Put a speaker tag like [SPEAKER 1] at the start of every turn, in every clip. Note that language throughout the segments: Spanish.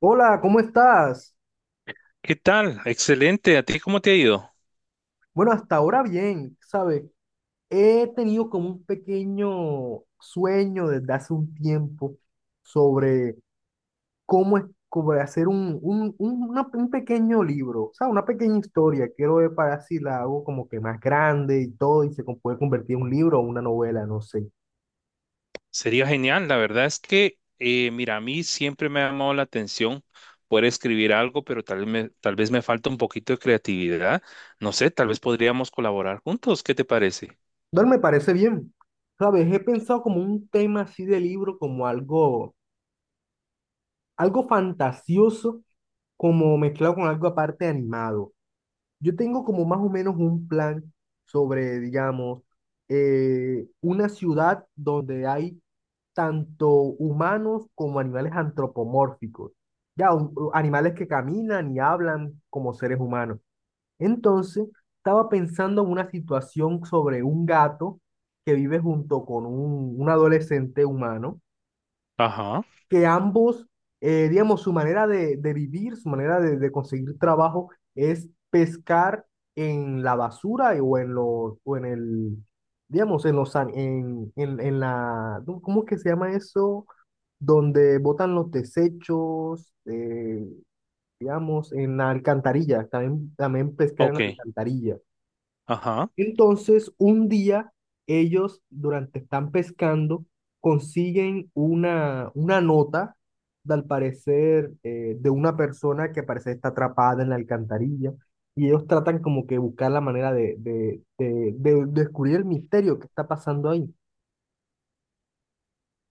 [SPEAKER 1] Hola, ¿cómo estás?
[SPEAKER 2] ¿Qué tal? Excelente. ¿A ti cómo te ha ido?
[SPEAKER 1] Bueno, hasta ahora bien, ¿sabes? He tenido como un pequeño sueño desde hace un tiempo sobre cómo es, sobre hacer un pequeño libro, o sea, una pequeña historia. Quiero ver para si la hago como que más grande y todo, y se puede convertir en un libro o una novela, no sé.
[SPEAKER 2] Sería genial. La verdad es que, mira, a mí siempre me ha llamado la atención poder escribir algo, pero tal vez me falta un poquito de creatividad. No sé, tal vez podríamos colaborar juntos. ¿Qué te parece?
[SPEAKER 1] Entonces me parece bien, ¿sabes? He pensado como un tema así de libro, como algo, algo fantasioso, como mezclado con algo aparte animado. Yo tengo como más o menos un plan sobre, digamos, una ciudad donde hay tanto humanos como animales antropomórficos, ya, animales que caminan y hablan como seres humanos. Entonces, estaba pensando en una situación sobre un gato que vive junto con un adolescente humano
[SPEAKER 2] Ajá,
[SPEAKER 1] que ambos, digamos, su manera de vivir, su manera de conseguir trabajo es pescar en la basura o en los, o en el, digamos, en los, en la, ¿cómo es que se llama eso? Donde botan los desechos, digamos, en la alcantarilla, también, también pescar en
[SPEAKER 2] ok,
[SPEAKER 1] la alcantarilla.
[SPEAKER 2] ajá.
[SPEAKER 1] Entonces, un día ellos, durante están pescando, consiguen una nota, de, al parecer, de una persona que al parecer está atrapada en la alcantarilla, y ellos tratan como que buscar la manera de descubrir el misterio que está pasando ahí.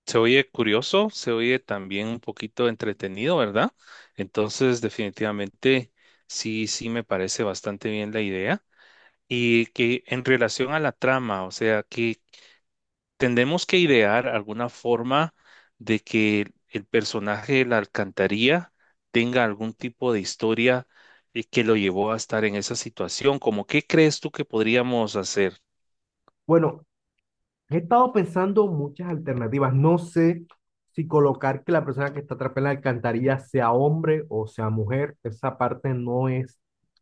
[SPEAKER 2] Se oye curioso, se oye también un poquito entretenido, ¿verdad? Entonces, definitivamente, sí, sí me parece bastante bien la idea. Y que en relación a la trama, o sea, tendemos que idear alguna forma de que el personaje de la alcantarilla tenga algún tipo de historia, que lo llevó a estar en esa situación. ¿Cómo qué crees tú que podríamos hacer?
[SPEAKER 1] Bueno, he estado pensando muchas alternativas. No sé si colocar que la persona que está atrapada en la alcantarilla sea hombre o sea mujer. Esa parte no es,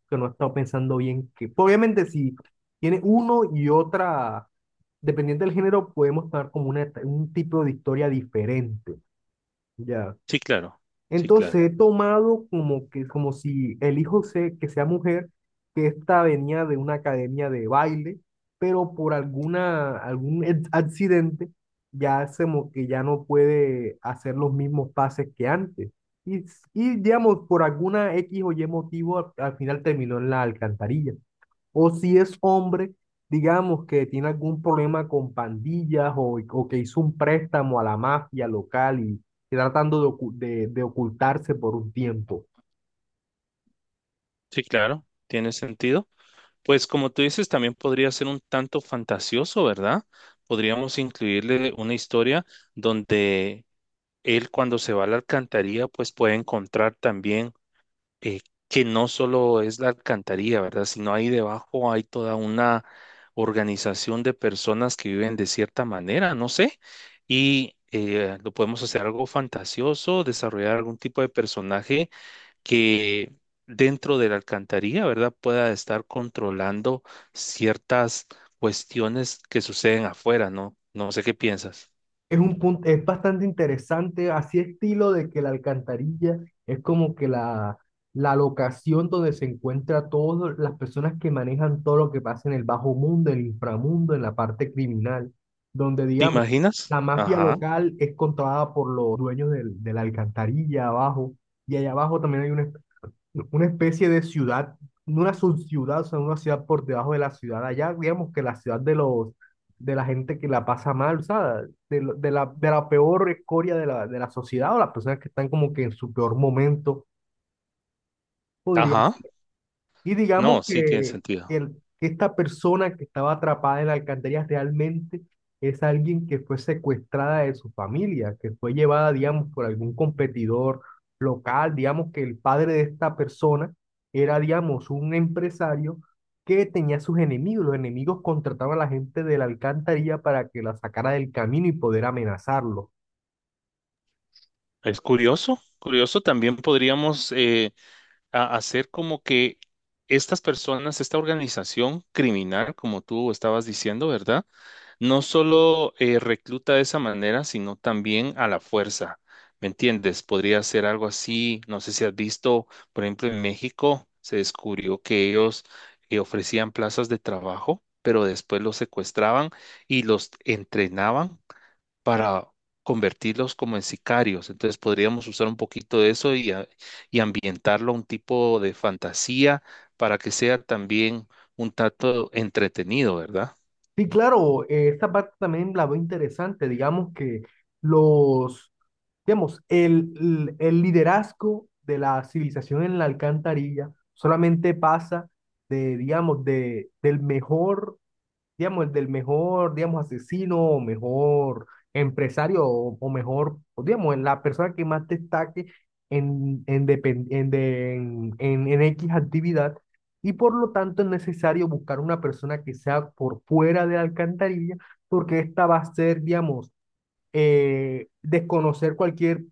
[SPEAKER 1] que no he estado pensando bien. Que, pues, obviamente, si tiene uno y otra, dependiendo del género, podemos tomar como una, un tipo de historia diferente. Ya.
[SPEAKER 2] Sí, claro, sí,
[SPEAKER 1] Entonces
[SPEAKER 2] claro,
[SPEAKER 1] he tomado como que, como si el hijo se, que sea mujer, que esta venía de una academia de baile, pero por alguna, accidente ya se, que ya no puede hacer los mismos pases que antes. Y, y digamos, por alguna X o Y motivo, al, al final terminó en la alcantarilla. O si es hombre, digamos que tiene algún problema con pandillas o que hizo un préstamo a la mafia local y tratando de, de ocultarse por un tiempo.
[SPEAKER 2] sí, claro, tiene sentido. Pues como tú dices, también podría ser un tanto fantasioso, ¿verdad? Podríamos incluirle una historia donde él, cuando se va a la alcantarilla, pues puede encontrar también, eh, que no solo es la alcantarilla, ¿verdad? Sino ahí debajo hay toda una organización de personas que viven de cierta manera, no sé, y lo podemos hacer algo fantasioso, desarrollar algún tipo de personaje que, dentro de la alcantarilla, ¿verdad?, pueda estar controlando ciertas cuestiones que suceden afuera, ¿no? No sé qué piensas.
[SPEAKER 1] Es un punto, es bastante interesante, así estilo de que la alcantarilla es como que la locación donde se encuentra todas las personas que manejan todo lo que pasa en el bajo mundo, en el inframundo, en la parte criminal, donde
[SPEAKER 2] ¿Te
[SPEAKER 1] digamos,
[SPEAKER 2] imaginas?
[SPEAKER 1] la mafia
[SPEAKER 2] Ajá,
[SPEAKER 1] local es controlada por los dueños de la alcantarilla abajo, y allá abajo también hay una especie de ciudad, una subciudad, o sea, una ciudad por debajo de la ciudad allá, digamos que la ciudad de los, de la gente que la pasa mal, o sea, de la peor escoria de la sociedad o las personas que están como que en su peor momento, podría
[SPEAKER 2] ajá.
[SPEAKER 1] ser. Y digamos
[SPEAKER 2] No, sí tiene
[SPEAKER 1] que
[SPEAKER 2] sentido.
[SPEAKER 1] que esta persona que estaba atrapada en la alcantarilla realmente es alguien que fue secuestrada de su familia, que fue llevada, digamos, por algún competidor local, digamos que el padre de esta persona era, digamos, un empresario que tenía sus enemigos, los enemigos contrataban a la gente de la alcantarilla para que la sacara del camino y poder amenazarlo.
[SPEAKER 2] Es curioso, curioso, también podríamos, hacer como que estas personas, esta organización criminal, como tú estabas diciendo, ¿verdad? No solo, recluta de esa manera, sino también a la fuerza, ¿me entiendes? Podría ser algo así, no sé si has visto, por ejemplo, en México se descubrió que ellos, ofrecían plazas de trabajo, pero después los secuestraban y los entrenaban para convertirlos como en sicarios. Entonces podríamos usar un poquito de eso y ambientarlo a un tipo de fantasía para que sea también un tanto entretenido, ¿verdad?
[SPEAKER 1] Sí, claro, esta parte también la veo interesante, digamos que los, digamos, el liderazgo de la civilización en la alcantarilla solamente pasa de, digamos, de, del mejor digamos, el del mejor, digamos, asesino o mejor empresario o mejor, o digamos, en la persona que más destaque en, depen- en, de- en X actividad. Y por lo tanto es necesario buscar una persona que sea por fuera de la alcantarilla, porque esta va a ser, digamos, desconocer cualquier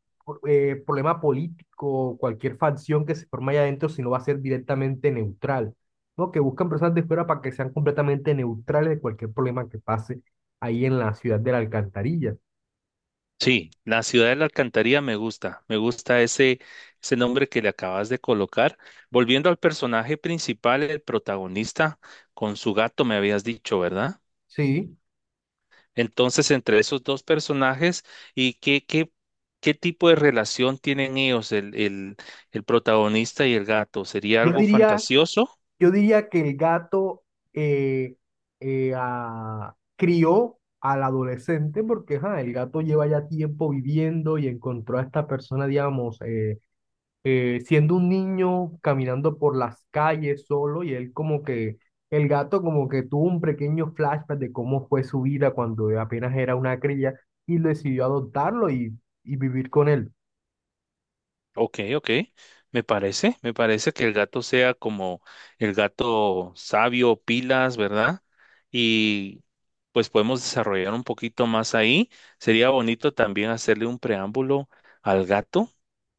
[SPEAKER 1] problema político, cualquier facción que se forme allá adentro, sino va a ser directamente neutral, ¿no? Que buscan personas de fuera para que sean completamente neutrales de cualquier problema que pase ahí en la ciudad de la alcantarilla.
[SPEAKER 2] Sí, la ciudad de la alcantarilla me gusta ese, ese nombre que le acabas de colocar. Volviendo al personaje principal, el protagonista, con su gato me habías dicho, ¿verdad?
[SPEAKER 1] Sí,
[SPEAKER 2] Entonces, entre esos dos personajes, ¿y qué, qué, qué tipo de relación tienen ellos, el protagonista y el gato? ¿Sería
[SPEAKER 1] yo
[SPEAKER 2] algo
[SPEAKER 1] diría,
[SPEAKER 2] fantasioso?
[SPEAKER 1] yo diría que el gato eh, crió al adolescente porque ajá, el gato lleva ya tiempo viviendo y encontró a esta persona, digamos, siendo un niño caminando por las calles solo y él como que, el gato como que tuvo un pequeño flashback de cómo fue su vida cuando apenas era una cría y decidió adoptarlo y vivir con él.
[SPEAKER 2] Ok, ok. Me parece que el gato sea como el gato sabio, pilas, ¿verdad? Y pues podemos desarrollar un poquito más ahí. Sería bonito también hacerle un preámbulo al gato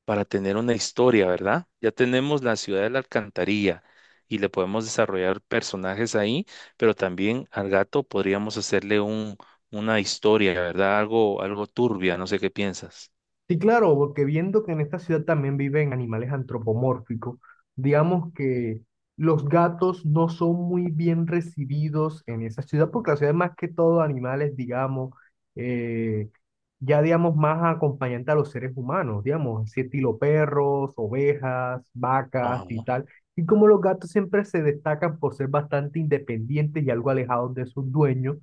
[SPEAKER 2] para tener una historia, ¿verdad? Ya tenemos la ciudad de la alcantarilla y le podemos desarrollar personajes ahí, pero también al gato podríamos una historia, ¿verdad? Algo, algo turbia, no sé qué piensas.
[SPEAKER 1] Sí, claro, porque viendo que en esta ciudad también viven animales antropomórficos, digamos que los gatos no son muy bien recibidos en esa ciudad, porque la ciudad es más que todo animales, digamos, eh, ya digamos más acompañante a los seres humanos, digamos, así estilo perros, ovejas, vacas
[SPEAKER 2] Ajá.
[SPEAKER 1] y tal. Y como los gatos siempre se destacan por ser bastante independientes y algo alejados de sus dueños,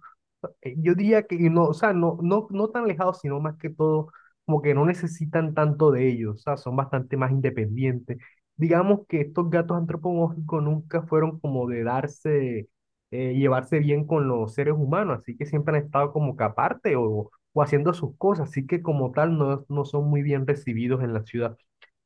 [SPEAKER 1] yo diría que no, o sea, no tan alejados sino más que todo como que no necesitan tanto de ellos, o sea, son bastante más independientes. Digamos que estos gatos antropomórficos nunca fueron como de darse, llevarse bien con los seres humanos, así que siempre han estado como que aparte o haciendo sus cosas, así que como tal no, no son muy bien recibidos en la ciudad.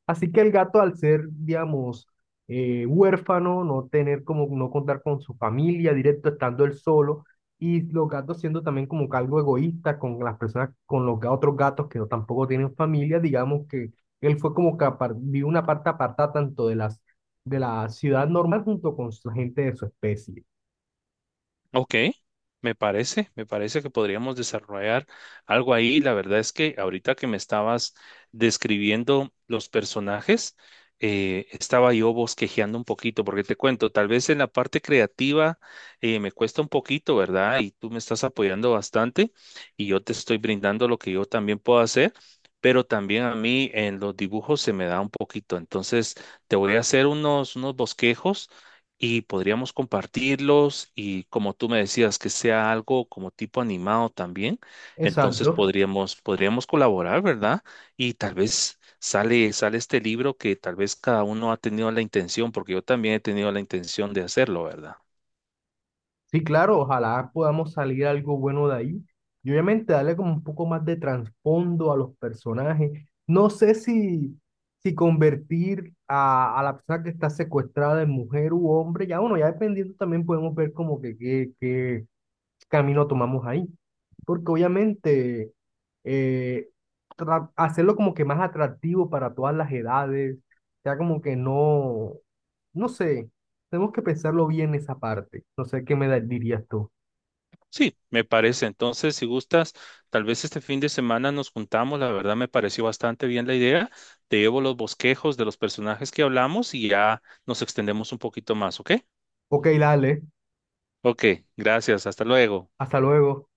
[SPEAKER 1] Así que el gato, al ser, digamos, huérfano, no tener como, no contar con su familia directo, estando él solo, y los gatos siendo también como que algo egoísta con las personas, con los otros gatos que no, tampoco tienen familia, digamos que él fue como que vivió una parte apartada tanto de las, de la ciudad normal junto con la gente de su especie.
[SPEAKER 2] Ok, me parece que podríamos desarrollar algo ahí. La verdad es que ahorita que me estabas describiendo los personajes, estaba yo bosquejeando un poquito, porque te cuento, tal vez en la parte creativa me cuesta un poquito, ¿verdad? Y tú me estás apoyando bastante y yo te estoy brindando lo que yo también puedo hacer, pero también a mí en los dibujos se me da un poquito. Entonces, te voy a hacer unos bosquejos y podríamos compartirlos y, como tú me decías, que sea algo como tipo animado también, entonces
[SPEAKER 1] Exacto.
[SPEAKER 2] podríamos, podríamos colaborar, ¿verdad? Y tal vez sale, sale este libro que tal vez cada uno ha tenido la intención, porque yo también he tenido la intención de hacerlo, ¿verdad?
[SPEAKER 1] Sí, claro, ojalá podamos salir algo bueno de ahí. Y obviamente darle como un poco más de trasfondo a los personajes. No sé si, si convertir a la persona que está secuestrada en mujer u hombre, ya bueno, ya dependiendo también podemos ver como que qué, camino tomamos ahí. Porque obviamente eh, hacerlo como que más atractivo para todas las edades, ya como que no, no sé, tenemos que pensarlo bien esa parte. No sé qué dirías tú.
[SPEAKER 2] Sí, me parece. Entonces, si gustas, tal vez este fin de semana nos juntamos. La verdad me pareció bastante bien la idea. Te llevo los bosquejos de los personajes que hablamos y ya nos extendemos un poquito más, ¿ok?
[SPEAKER 1] Ok, dale,
[SPEAKER 2] Ok, gracias. Hasta luego.
[SPEAKER 1] hasta luego.